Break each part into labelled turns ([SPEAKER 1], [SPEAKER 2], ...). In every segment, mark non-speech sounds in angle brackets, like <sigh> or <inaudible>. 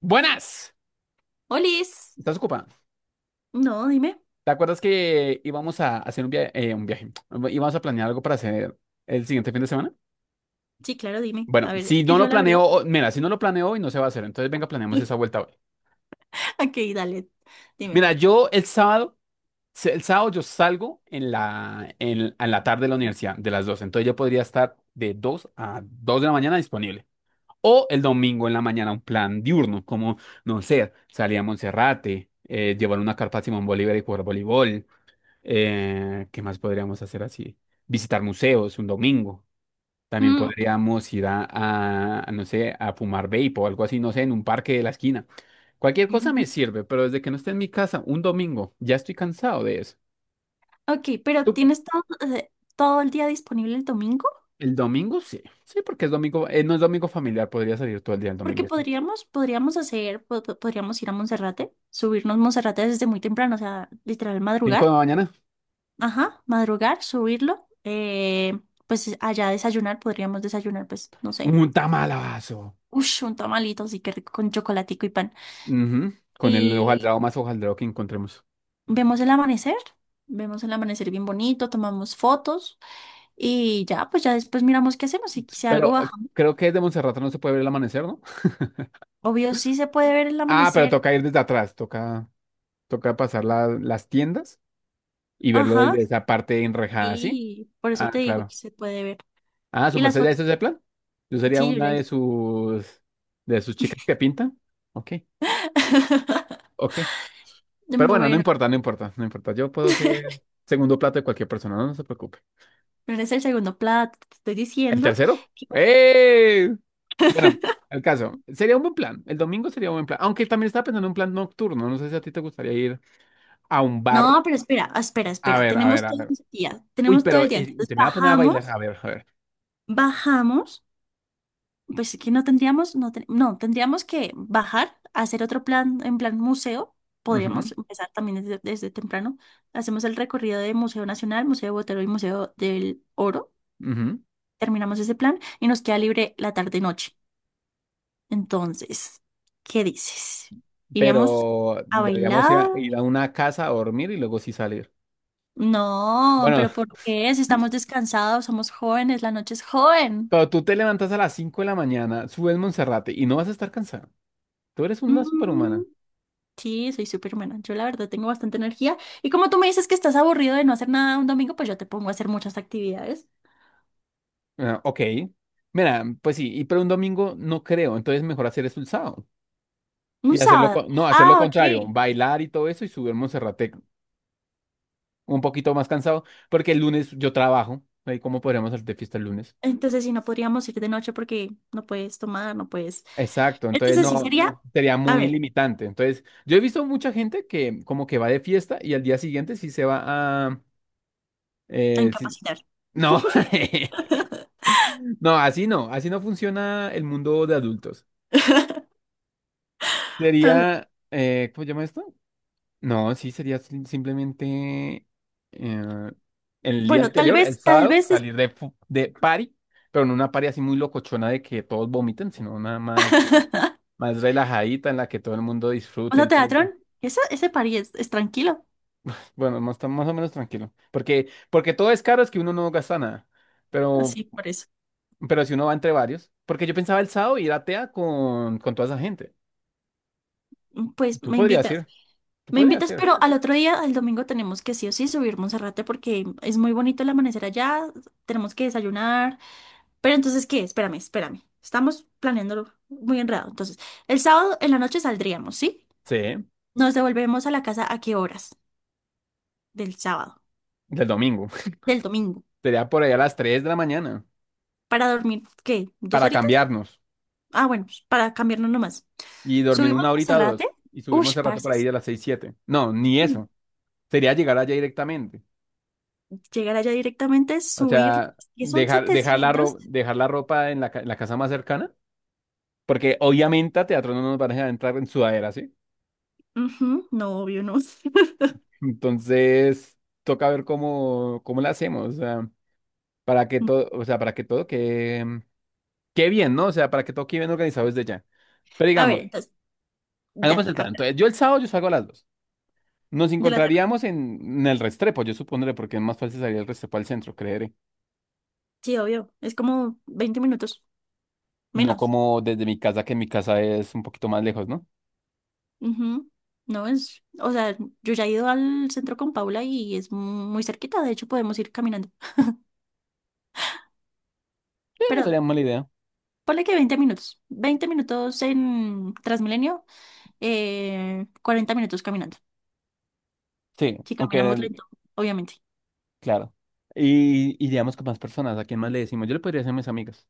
[SPEAKER 1] Buenas,
[SPEAKER 2] Olis.
[SPEAKER 1] ¿estás ocupada?
[SPEAKER 2] No, dime.
[SPEAKER 1] ¿Te acuerdas que íbamos a hacer un viaje? Íbamos a planear algo para hacer el siguiente fin de semana.
[SPEAKER 2] Sí, claro, dime.
[SPEAKER 1] Bueno,
[SPEAKER 2] A ver,
[SPEAKER 1] si
[SPEAKER 2] que
[SPEAKER 1] no
[SPEAKER 2] yo
[SPEAKER 1] lo
[SPEAKER 2] la
[SPEAKER 1] planeo,
[SPEAKER 2] verdad.
[SPEAKER 1] mira, si no lo planeo hoy no se va a hacer. Entonces venga, planeemos esa vuelta hoy.
[SPEAKER 2] <laughs> Ok, dale, dime.
[SPEAKER 1] Mira, yo el sábado, el sábado yo salgo en la tarde de la universidad, de las 2. Entonces yo podría estar de 2 a 2 de la mañana disponible. O el domingo en la mañana un plan diurno, no sé, salir a Monserrate, llevar una carpa a Simón Bolívar y jugar voleibol. ¿Qué más podríamos hacer así? Visitar museos un domingo. También
[SPEAKER 2] Mm,
[SPEAKER 1] podríamos ir no sé, a fumar vape o algo así, no sé, en un parque de la esquina. Cualquier cosa me
[SPEAKER 2] <laughs>
[SPEAKER 1] sirve, pero desde que no esté en mi casa un domingo, ya estoy cansado de eso.
[SPEAKER 2] Ok, pero
[SPEAKER 1] Tú-
[SPEAKER 2] ¿tienes todo, eh, todo el día disponible el domingo?
[SPEAKER 1] El domingo sí, sí, porque es domingo, no es domingo familiar, podría salir todo el día el
[SPEAKER 2] Porque
[SPEAKER 1] domingo.
[SPEAKER 2] podríamos hacer, podríamos ir a Monserrate, subirnos Monserrate desde muy temprano, o sea, literal
[SPEAKER 1] Cinco de
[SPEAKER 2] madrugar.
[SPEAKER 1] la mañana,
[SPEAKER 2] Ajá, madrugar, subirlo. Pues allá desayunar, podríamos desayunar, pues, no sé.
[SPEAKER 1] un tamalazo.
[SPEAKER 2] Ush, un tamalito, así que rico con chocolatico y pan.
[SPEAKER 1] Ujú. Con el hojaldrado más hojaldrado que encontremos.
[SPEAKER 2] Vemos el amanecer, vemos el amanecer bien bonito, tomamos fotos y ya, pues ya después miramos qué hacemos. Si algo
[SPEAKER 1] Pero
[SPEAKER 2] bajamos,
[SPEAKER 1] creo que desde Monserrate no se puede ver el amanecer, ¿no?
[SPEAKER 2] obvio sí se puede ver el
[SPEAKER 1] Ah, pero
[SPEAKER 2] amanecer.
[SPEAKER 1] toca ir desde atrás, toca. Toca pasar las tiendas y verlo
[SPEAKER 2] Ajá,
[SPEAKER 1] desde esa parte enrejada, ¿sí?
[SPEAKER 2] sí, por eso te
[SPEAKER 1] Ah,
[SPEAKER 2] digo que
[SPEAKER 1] claro.
[SPEAKER 2] se puede ver.
[SPEAKER 1] Ah, ¿su
[SPEAKER 2] Y las
[SPEAKER 1] merced ya
[SPEAKER 2] fotos,
[SPEAKER 1] hizo ese plan? Yo sería
[SPEAKER 2] sí, yo
[SPEAKER 1] una
[SPEAKER 2] ya hice.
[SPEAKER 1] de sus chicas que pintan. Ok,
[SPEAKER 2] <laughs>
[SPEAKER 1] ok. Pero bueno, no
[SPEAKER 2] Bueno,
[SPEAKER 1] importa, no importa, no importa. Yo puedo ser segundo plato de cualquier persona, no, no se preocupe.
[SPEAKER 2] pero es el segundo plato, te estoy
[SPEAKER 1] ¿El
[SPEAKER 2] diciendo.
[SPEAKER 1] tercero?
[SPEAKER 2] que-
[SPEAKER 1] ¡Eh! Bueno, el caso. Sería un buen plan. El domingo sería un buen plan. Aunque también estaba pensando en un plan nocturno. No sé si a ti te gustaría ir a un bar.
[SPEAKER 2] No, pero espera, espera,
[SPEAKER 1] A
[SPEAKER 2] espera,
[SPEAKER 1] ver, a ver,
[SPEAKER 2] tenemos
[SPEAKER 1] a
[SPEAKER 2] todo
[SPEAKER 1] ver.
[SPEAKER 2] el día,
[SPEAKER 1] Uy,
[SPEAKER 2] tenemos todo
[SPEAKER 1] pero
[SPEAKER 2] el día. Entonces
[SPEAKER 1] usted me va a poner a bailar.
[SPEAKER 2] bajamos,
[SPEAKER 1] A ver, a ver.
[SPEAKER 2] bajamos. Pues es que no tendríamos, no, no, tendríamos que bajar, hacer otro plan, en plan museo.
[SPEAKER 1] Ujú.
[SPEAKER 2] Podríamos empezar también desde temprano. Hacemos el recorrido de Museo Nacional, Museo Botero y Museo del Oro.
[SPEAKER 1] Ujú.
[SPEAKER 2] Terminamos ese plan y nos queda libre la tarde-noche. Entonces, ¿qué dices? ¿Iríamos
[SPEAKER 1] Pero
[SPEAKER 2] a
[SPEAKER 1] deberíamos
[SPEAKER 2] bailar?
[SPEAKER 1] ir a una casa a dormir y luego sí salir.
[SPEAKER 2] No,
[SPEAKER 1] Bueno,
[SPEAKER 2] pero ¿por qué? Si estamos descansados, somos jóvenes, la noche es joven.
[SPEAKER 1] pero tú te levantas a las 5 de la mañana, subes Monserrate y no vas a estar cansada. Tú eres una
[SPEAKER 2] Mm.
[SPEAKER 1] superhumana.
[SPEAKER 2] Sí, soy súper buena. Yo la verdad tengo bastante energía. Y como tú me dices que estás aburrido de no hacer nada un domingo, pues yo te pongo a hacer muchas actividades.
[SPEAKER 1] Ah, ok. Mira, pues sí, y pero un domingo no creo, entonces mejor hacer eso el sábado.
[SPEAKER 2] Un
[SPEAKER 1] Y hacerlo,
[SPEAKER 2] sábado.
[SPEAKER 1] no, hacer lo
[SPEAKER 2] Ah,
[SPEAKER 1] contrario,
[SPEAKER 2] ok.
[SPEAKER 1] bailar y todo eso y subir Monserrate un poquito más cansado, porque el lunes yo trabajo. Ahí, ¿cómo podríamos hacer de fiesta el lunes?
[SPEAKER 2] Entonces sí, no podríamos ir de noche porque no puedes tomar, no puedes.
[SPEAKER 1] Exacto, entonces
[SPEAKER 2] Entonces sí
[SPEAKER 1] no
[SPEAKER 2] sería,
[SPEAKER 1] sería
[SPEAKER 2] a
[SPEAKER 1] muy
[SPEAKER 2] ver,
[SPEAKER 1] limitante. Entonces, yo he visto mucha gente que como que va de fiesta y al día siguiente sí se va a...
[SPEAKER 2] a
[SPEAKER 1] eh, sí-
[SPEAKER 2] incapacitar.
[SPEAKER 1] No, <laughs> no, así no, así no funciona el mundo de adultos.
[SPEAKER 2] <laughs> A ver,
[SPEAKER 1] Sería, ¿cómo se llama esto? No, sí, sería simplemente eh, el día
[SPEAKER 2] bueno,
[SPEAKER 1] anterior, el
[SPEAKER 2] tal
[SPEAKER 1] sábado,
[SPEAKER 2] vez es.
[SPEAKER 1] salir de, de party, pero no una party así muy locochona de que todos vomiten, sino una
[SPEAKER 2] <laughs>
[SPEAKER 1] más, más relajadita en la que todo el mundo disfrute
[SPEAKER 2] ¿Vamos a
[SPEAKER 1] el
[SPEAKER 2] teatrón?
[SPEAKER 1] tiempo.
[SPEAKER 2] Ese party es tranquilo.
[SPEAKER 1] Bueno, más, más o menos tranquilo. Porque, porque todo es caro, es que uno no gasta nada. Pero,
[SPEAKER 2] Así, por eso.
[SPEAKER 1] pero si uno va entre varios. Porque yo pensaba el sábado ir a TEA con toda esa gente.
[SPEAKER 2] Pues
[SPEAKER 1] Tú
[SPEAKER 2] me
[SPEAKER 1] podrías
[SPEAKER 2] invitas.
[SPEAKER 1] ir. Tú
[SPEAKER 2] Me
[SPEAKER 1] podrías
[SPEAKER 2] invitas,
[SPEAKER 1] ir.
[SPEAKER 2] pero al otro día, al domingo, tenemos que sí o sí subir Monserrate porque es muy bonito el amanecer allá, tenemos que desayunar. Pero entonces, ¿qué? Espérame, espérame. Estamos planeándolo muy enredado. Entonces, el sábado en la noche saldríamos, ¿sí?
[SPEAKER 1] Sí,
[SPEAKER 2] Nos devolvemos a la casa, ¿a qué horas? Del sábado,
[SPEAKER 1] del domingo.
[SPEAKER 2] del domingo.
[SPEAKER 1] <laughs> Sería por ahí a las 3 de la mañana.
[SPEAKER 2] ¿Para dormir qué? ¿Dos
[SPEAKER 1] Para
[SPEAKER 2] horitas?
[SPEAKER 1] cambiarnos.
[SPEAKER 2] Ah, bueno, pues, para cambiarnos nomás.
[SPEAKER 1] Y dormir
[SPEAKER 2] Subimos
[SPEAKER 1] una
[SPEAKER 2] a
[SPEAKER 1] horita o
[SPEAKER 2] Monserrate.
[SPEAKER 1] dos. Y subirnos
[SPEAKER 2] Ush,
[SPEAKER 1] el rato
[SPEAKER 2] parce,
[SPEAKER 1] por ahí de las 6 siete. No, ni eso. Sería llegar allá directamente.
[SPEAKER 2] llegar allá directamente,
[SPEAKER 1] O
[SPEAKER 2] subir,
[SPEAKER 1] sea,
[SPEAKER 2] ¿que son
[SPEAKER 1] dejar, dejar
[SPEAKER 2] 700?
[SPEAKER 1] dejar la ropa en en la casa más cercana. Porque obviamente a teatro no nos van a dejar entrar en sudadera, ¿sí?
[SPEAKER 2] Ujú, no, obvio, no. <laughs>
[SPEAKER 1] Entonces, toca ver cómo, cómo la hacemos, o sea, para que todo, o sea, para que todo quede, quede bien, ¿no? O sea, para que todo quede bien organizado desde ya. Pero
[SPEAKER 2] A ver,
[SPEAKER 1] digamos,
[SPEAKER 2] entonces,
[SPEAKER 1] hagamos
[SPEAKER 2] dale,
[SPEAKER 1] el plan.
[SPEAKER 2] habla.
[SPEAKER 1] Entonces, yo el sábado yo salgo a las dos. Nos
[SPEAKER 2] De la tarde.
[SPEAKER 1] encontraríamos en el Restrepo, yo supondré, porque es más fácil salir del Restrepo al centro, creeré.
[SPEAKER 2] Sí, obvio. Es como 20 minutos
[SPEAKER 1] No
[SPEAKER 2] menos.
[SPEAKER 1] como desde mi casa, que mi casa es un poquito más lejos, ¿no?
[SPEAKER 2] Ujú. No es, o sea, yo ya he ido al centro con Paula y es muy cerquita. De hecho, podemos ir caminando.
[SPEAKER 1] Sí, no
[SPEAKER 2] Pero
[SPEAKER 1] sería mala idea.
[SPEAKER 2] ponle que 20 minutos. 20 minutos en Transmilenio, 40 minutos caminando.
[SPEAKER 1] Sí,
[SPEAKER 2] Si caminamos
[SPEAKER 1] aunque,
[SPEAKER 2] lento, obviamente.
[SPEAKER 1] claro. Y iríamos con más personas. ¿A quién más le decimos? Yo le podría decir a mis amigas.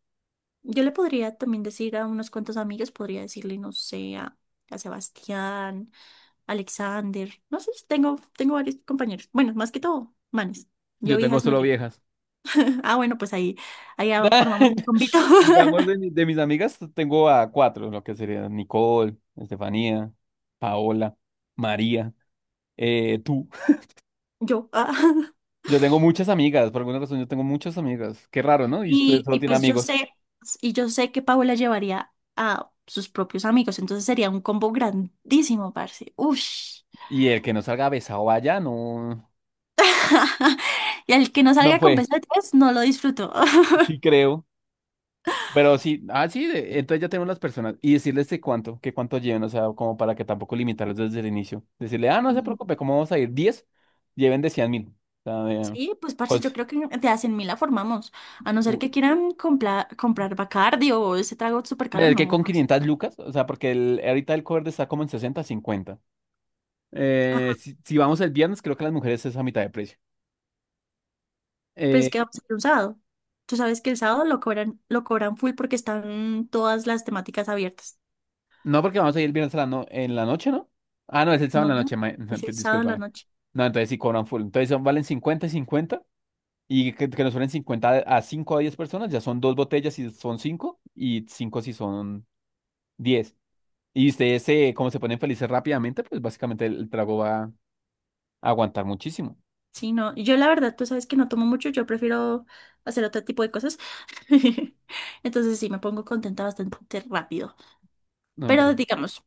[SPEAKER 2] Yo le podría también decir a unos cuantos amigos, podría decirle, no sé, a Sebastián Alexander, no sé, tengo varios compañeros. Bueno, más que todo, manes. Yo
[SPEAKER 1] Yo tengo
[SPEAKER 2] viejas no
[SPEAKER 1] solo
[SPEAKER 2] llego. <laughs>
[SPEAKER 1] viejas.
[SPEAKER 2] Ah, bueno, pues ahí, formamos el
[SPEAKER 1] <laughs>
[SPEAKER 2] convito.
[SPEAKER 1] Digamos,
[SPEAKER 2] <laughs>
[SPEAKER 1] de mis amigas tengo a cuatro, lo que serían Nicole, Estefanía, Paola, María, tú.
[SPEAKER 2] Yo. Ah.
[SPEAKER 1] Yo tengo muchas amigas, por alguna razón yo tengo muchas amigas. Qué raro, ¿no? Y usted
[SPEAKER 2] Y,
[SPEAKER 1] solo
[SPEAKER 2] y
[SPEAKER 1] tiene
[SPEAKER 2] pues yo
[SPEAKER 1] amigos.
[SPEAKER 2] sé, y yo sé que Paola llevaría a sus propios amigos, entonces sería un combo grandísimo, parce. Ush.
[SPEAKER 1] Y el que no salga besado allá no,
[SPEAKER 2] <laughs> Y al que no
[SPEAKER 1] no
[SPEAKER 2] salga con
[SPEAKER 1] fue,
[SPEAKER 2] pesetas, no lo disfruto.
[SPEAKER 1] sí
[SPEAKER 2] <laughs>
[SPEAKER 1] creo. Pero sí, ah, sí, entonces ya tenemos las personas. Y decirles de cuánto, que cuánto lleven, o sea, como para que tampoco limitarlos desde el inicio. Decirle, ah, no se preocupe, ¿cómo vamos a ir? Diez, lleven de 100 mil. O sea, de-
[SPEAKER 2] Sí, pues parce, yo
[SPEAKER 1] cons-
[SPEAKER 2] creo que de hacen 100 mil la formamos. A no ser que quieran comprar Bacardi o ese trago súper
[SPEAKER 1] Pero
[SPEAKER 2] caro,
[SPEAKER 1] el que
[SPEAKER 2] no,
[SPEAKER 1] con
[SPEAKER 2] parce.
[SPEAKER 1] 500 lucas, o sea, porque el, ahorita el cover está como en 60 cincuenta.
[SPEAKER 2] Ajá.
[SPEAKER 1] Si, si vamos el viernes, creo que las mujeres es a mitad de precio.
[SPEAKER 2] Pues
[SPEAKER 1] Eh,
[SPEAKER 2] que vamos a hacer un sábado. Tú sabes que el sábado lo cobran full porque están todas las temáticas abiertas.
[SPEAKER 1] no, porque vamos a ir el viernes a la no- en la noche, ¿no? Ah, no, es el sábado
[SPEAKER 2] No,
[SPEAKER 1] en la noche, <laughs>
[SPEAKER 2] es el sábado en la
[SPEAKER 1] discúlpame.
[SPEAKER 2] noche.
[SPEAKER 1] No, entonces sí cobran full. Entonces son- valen 50 y 50. Y que nos suelen 50 a cinco a 10 personas, ya son dos botellas si son 5 y 5 si son diez. Y ustedes, como se ponen felices rápidamente, pues básicamente el trago va a aguantar muchísimo.
[SPEAKER 2] Sí, no. Yo la verdad, tú sabes que no tomo mucho, yo prefiero hacer otro tipo de cosas. <laughs> Entonces sí, me pongo contenta bastante rápido.
[SPEAKER 1] No, pues
[SPEAKER 2] Pero digamos,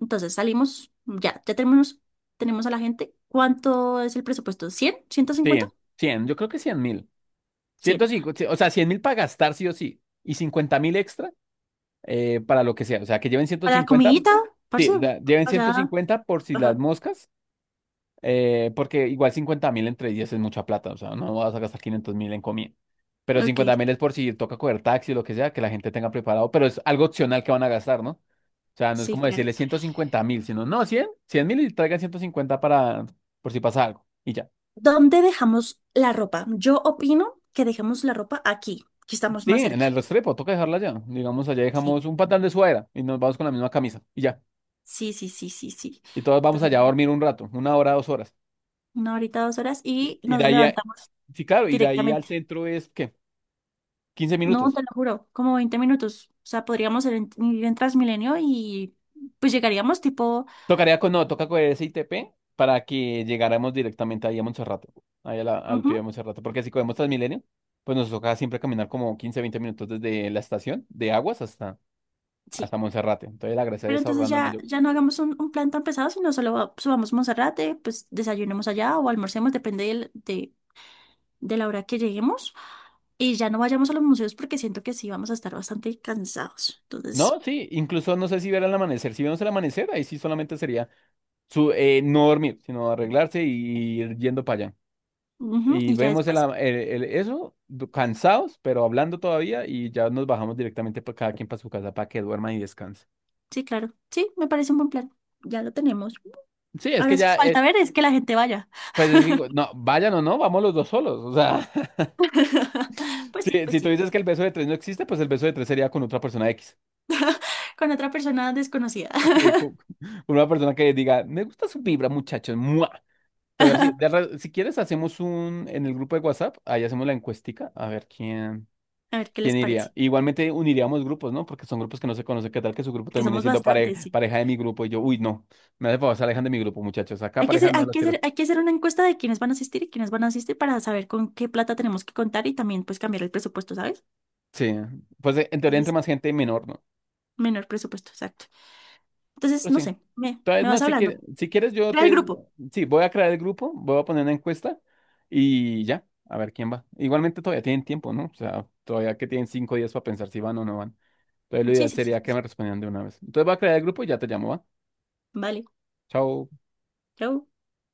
[SPEAKER 2] entonces salimos, ya, tenemos a la gente. ¿Cuánto es el presupuesto? 100, ciento
[SPEAKER 1] sí,
[SPEAKER 2] cincuenta
[SPEAKER 1] 100. Yo creo que 100 mil.
[SPEAKER 2] 100.
[SPEAKER 1] 150, o sea, 100 mil para gastar sí o sí. Y 50 mil extra para lo que sea. O sea, que lleven ciento
[SPEAKER 2] Para la
[SPEAKER 1] cincuenta.
[SPEAKER 2] comidita, parce,
[SPEAKER 1] Sí, o sea, lleven
[SPEAKER 2] allá.
[SPEAKER 1] 150 por si las
[SPEAKER 2] Ajá.
[SPEAKER 1] moscas, porque igual 50 mil entre 10 es mucha plata. O sea, no vas a gastar 500 mil en comida. Pero 50
[SPEAKER 2] Ok,
[SPEAKER 1] mil es por si toca coger taxi o lo que sea, que la gente tenga preparado. Pero es algo opcional que van a gastar, ¿no? O sea, no es
[SPEAKER 2] sí,
[SPEAKER 1] como
[SPEAKER 2] claro.
[SPEAKER 1] decirle 150 mil, sino no, 100, 100 mil y traigan 150 para, por si pasa algo. Y ya.
[SPEAKER 2] ¿Dónde dejamos la ropa? Yo opino que dejamos la ropa aquí, que estamos
[SPEAKER 1] Sí,
[SPEAKER 2] más
[SPEAKER 1] en el
[SPEAKER 2] cerca.
[SPEAKER 1] Restrepo, toca dejarla allá. Digamos, allá dejamos
[SPEAKER 2] Sí,
[SPEAKER 1] un pantalón de suadera y nos vamos con la misma camisa y ya.
[SPEAKER 2] sí, sí, sí, sí, sí.
[SPEAKER 1] Y todos vamos
[SPEAKER 2] Entonces,
[SPEAKER 1] allá a
[SPEAKER 2] bueno,
[SPEAKER 1] dormir un rato, una hora, dos horas.
[SPEAKER 2] una horita, dos horas
[SPEAKER 1] Y,
[SPEAKER 2] y
[SPEAKER 1] y de
[SPEAKER 2] nos
[SPEAKER 1] ahí, a-
[SPEAKER 2] levantamos
[SPEAKER 1] sí, claro, y de ahí al
[SPEAKER 2] directamente.
[SPEAKER 1] centro es, ¿qué? Quince
[SPEAKER 2] No, te
[SPEAKER 1] minutos.
[SPEAKER 2] lo juro, como 20 minutos. O sea, podríamos ir en, ir en, Transmilenio y pues llegaríamos tipo.
[SPEAKER 1] Tocaría con, no, toca con ese ITP para que llegáramos directamente ahí a Monserrate, ahí a al
[SPEAKER 2] Ujú,
[SPEAKER 1] pie de Monserrate. Porque si cogemos Transmilenio, pues nos toca siempre caminar como 15, 20 minutos desde la estación de Aguas hasta,
[SPEAKER 2] sí.
[SPEAKER 1] hasta Monserrate. Entonces la gracia
[SPEAKER 2] Pero
[SPEAKER 1] es
[SPEAKER 2] entonces
[SPEAKER 1] ahorrando en
[SPEAKER 2] ya,
[SPEAKER 1] mayor.
[SPEAKER 2] ya no hagamos un plan tan pesado, sino solo subamos a Monserrate, pues desayunemos allá o almorcemos, depende de la hora que lleguemos. Y ya no vayamos a los museos porque siento que sí vamos a estar bastante cansados. Entonces,
[SPEAKER 1] No, sí, incluso no sé si ver el amanecer. Si vemos el amanecer, ahí sí solamente sería su, no dormir, sino arreglarse y ir yendo para allá.
[SPEAKER 2] ujú,
[SPEAKER 1] Y
[SPEAKER 2] y ya
[SPEAKER 1] vemos el,
[SPEAKER 2] después,
[SPEAKER 1] a- el- el- eso, du- cansados, pero hablando todavía, y ya nos bajamos directamente para cada quien para su casa para que duerman y descansen.
[SPEAKER 2] sí, claro. Sí, me parece un buen plan. Ya lo tenemos.
[SPEAKER 1] Sí, es que
[SPEAKER 2] Ahora sí
[SPEAKER 1] ya,
[SPEAKER 2] falta ver es que la gente vaya.
[SPEAKER 1] pues es que, digo, no, vayan o no, vamos los dos solos. O sea, <laughs>
[SPEAKER 2] <laughs> Pues sí,
[SPEAKER 1] si,
[SPEAKER 2] pues
[SPEAKER 1] si tú
[SPEAKER 2] sí, pues
[SPEAKER 1] dices que
[SPEAKER 2] sí.
[SPEAKER 1] el beso de tres no existe, pues el beso de tres sería con otra persona X.
[SPEAKER 2] Con otra persona desconocida.
[SPEAKER 1] Sí, con, <laughs> con una persona que diga, me gusta su vibra, muchachos, ¡mua! Pero sí,
[SPEAKER 2] <laughs>
[SPEAKER 1] si quieres, hacemos un, en el grupo de WhatsApp, ahí hacemos la encuestica, a ver quién.
[SPEAKER 2] A ver qué
[SPEAKER 1] ¿Quién
[SPEAKER 2] les parece.
[SPEAKER 1] iría? Igualmente uniríamos grupos, ¿no? Porque son grupos que no se conocen. ¿Qué tal que su grupo
[SPEAKER 2] Que
[SPEAKER 1] termine
[SPEAKER 2] somos
[SPEAKER 1] siendo
[SPEAKER 2] bastantes, sí.
[SPEAKER 1] pareja de mi grupo? Y yo, uy, no. Me hace favor, se alejan de mi grupo, muchachos. Acá
[SPEAKER 2] Hay que
[SPEAKER 1] parejas
[SPEAKER 2] hacer,
[SPEAKER 1] no
[SPEAKER 2] hay
[SPEAKER 1] las
[SPEAKER 2] que
[SPEAKER 1] quiero.
[SPEAKER 2] hacer, hay que hacer una encuesta de quiénes van a asistir y quiénes van a asistir para saber con qué plata tenemos que contar y también pues cambiar el presupuesto, ¿sabes?
[SPEAKER 1] Sí. Pues en teoría entre
[SPEAKER 2] Entonces,
[SPEAKER 1] más gente, menor, ¿no?
[SPEAKER 2] menor presupuesto, exacto. Entonces,
[SPEAKER 1] Pero
[SPEAKER 2] no
[SPEAKER 1] sí.
[SPEAKER 2] sé, me,
[SPEAKER 1] Entonces,
[SPEAKER 2] me
[SPEAKER 1] no,
[SPEAKER 2] vas
[SPEAKER 1] si quieres,
[SPEAKER 2] hablando.
[SPEAKER 1] si quieres, yo
[SPEAKER 2] Crea el
[SPEAKER 1] te.
[SPEAKER 2] grupo.
[SPEAKER 1] Sí, voy a crear el grupo, voy a poner una encuesta y ya. A ver quién va. Igualmente todavía tienen tiempo, ¿no? O sea, todavía que tienen 5 días para pensar si van o no van. Entonces, lo
[SPEAKER 2] Sí,
[SPEAKER 1] ideal
[SPEAKER 2] sí, sí,
[SPEAKER 1] sería
[SPEAKER 2] sí.
[SPEAKER 1] que
[SPEAKER 2] Sí.
[SPEAKER 1] me respondieran de una vez. Entonces, voy a crear el grupo y ya te llamo, ¿va?
[SPEAKER 2] Vale,
[SPEAKER 1] Chao.
[SPEAKER 2] chao.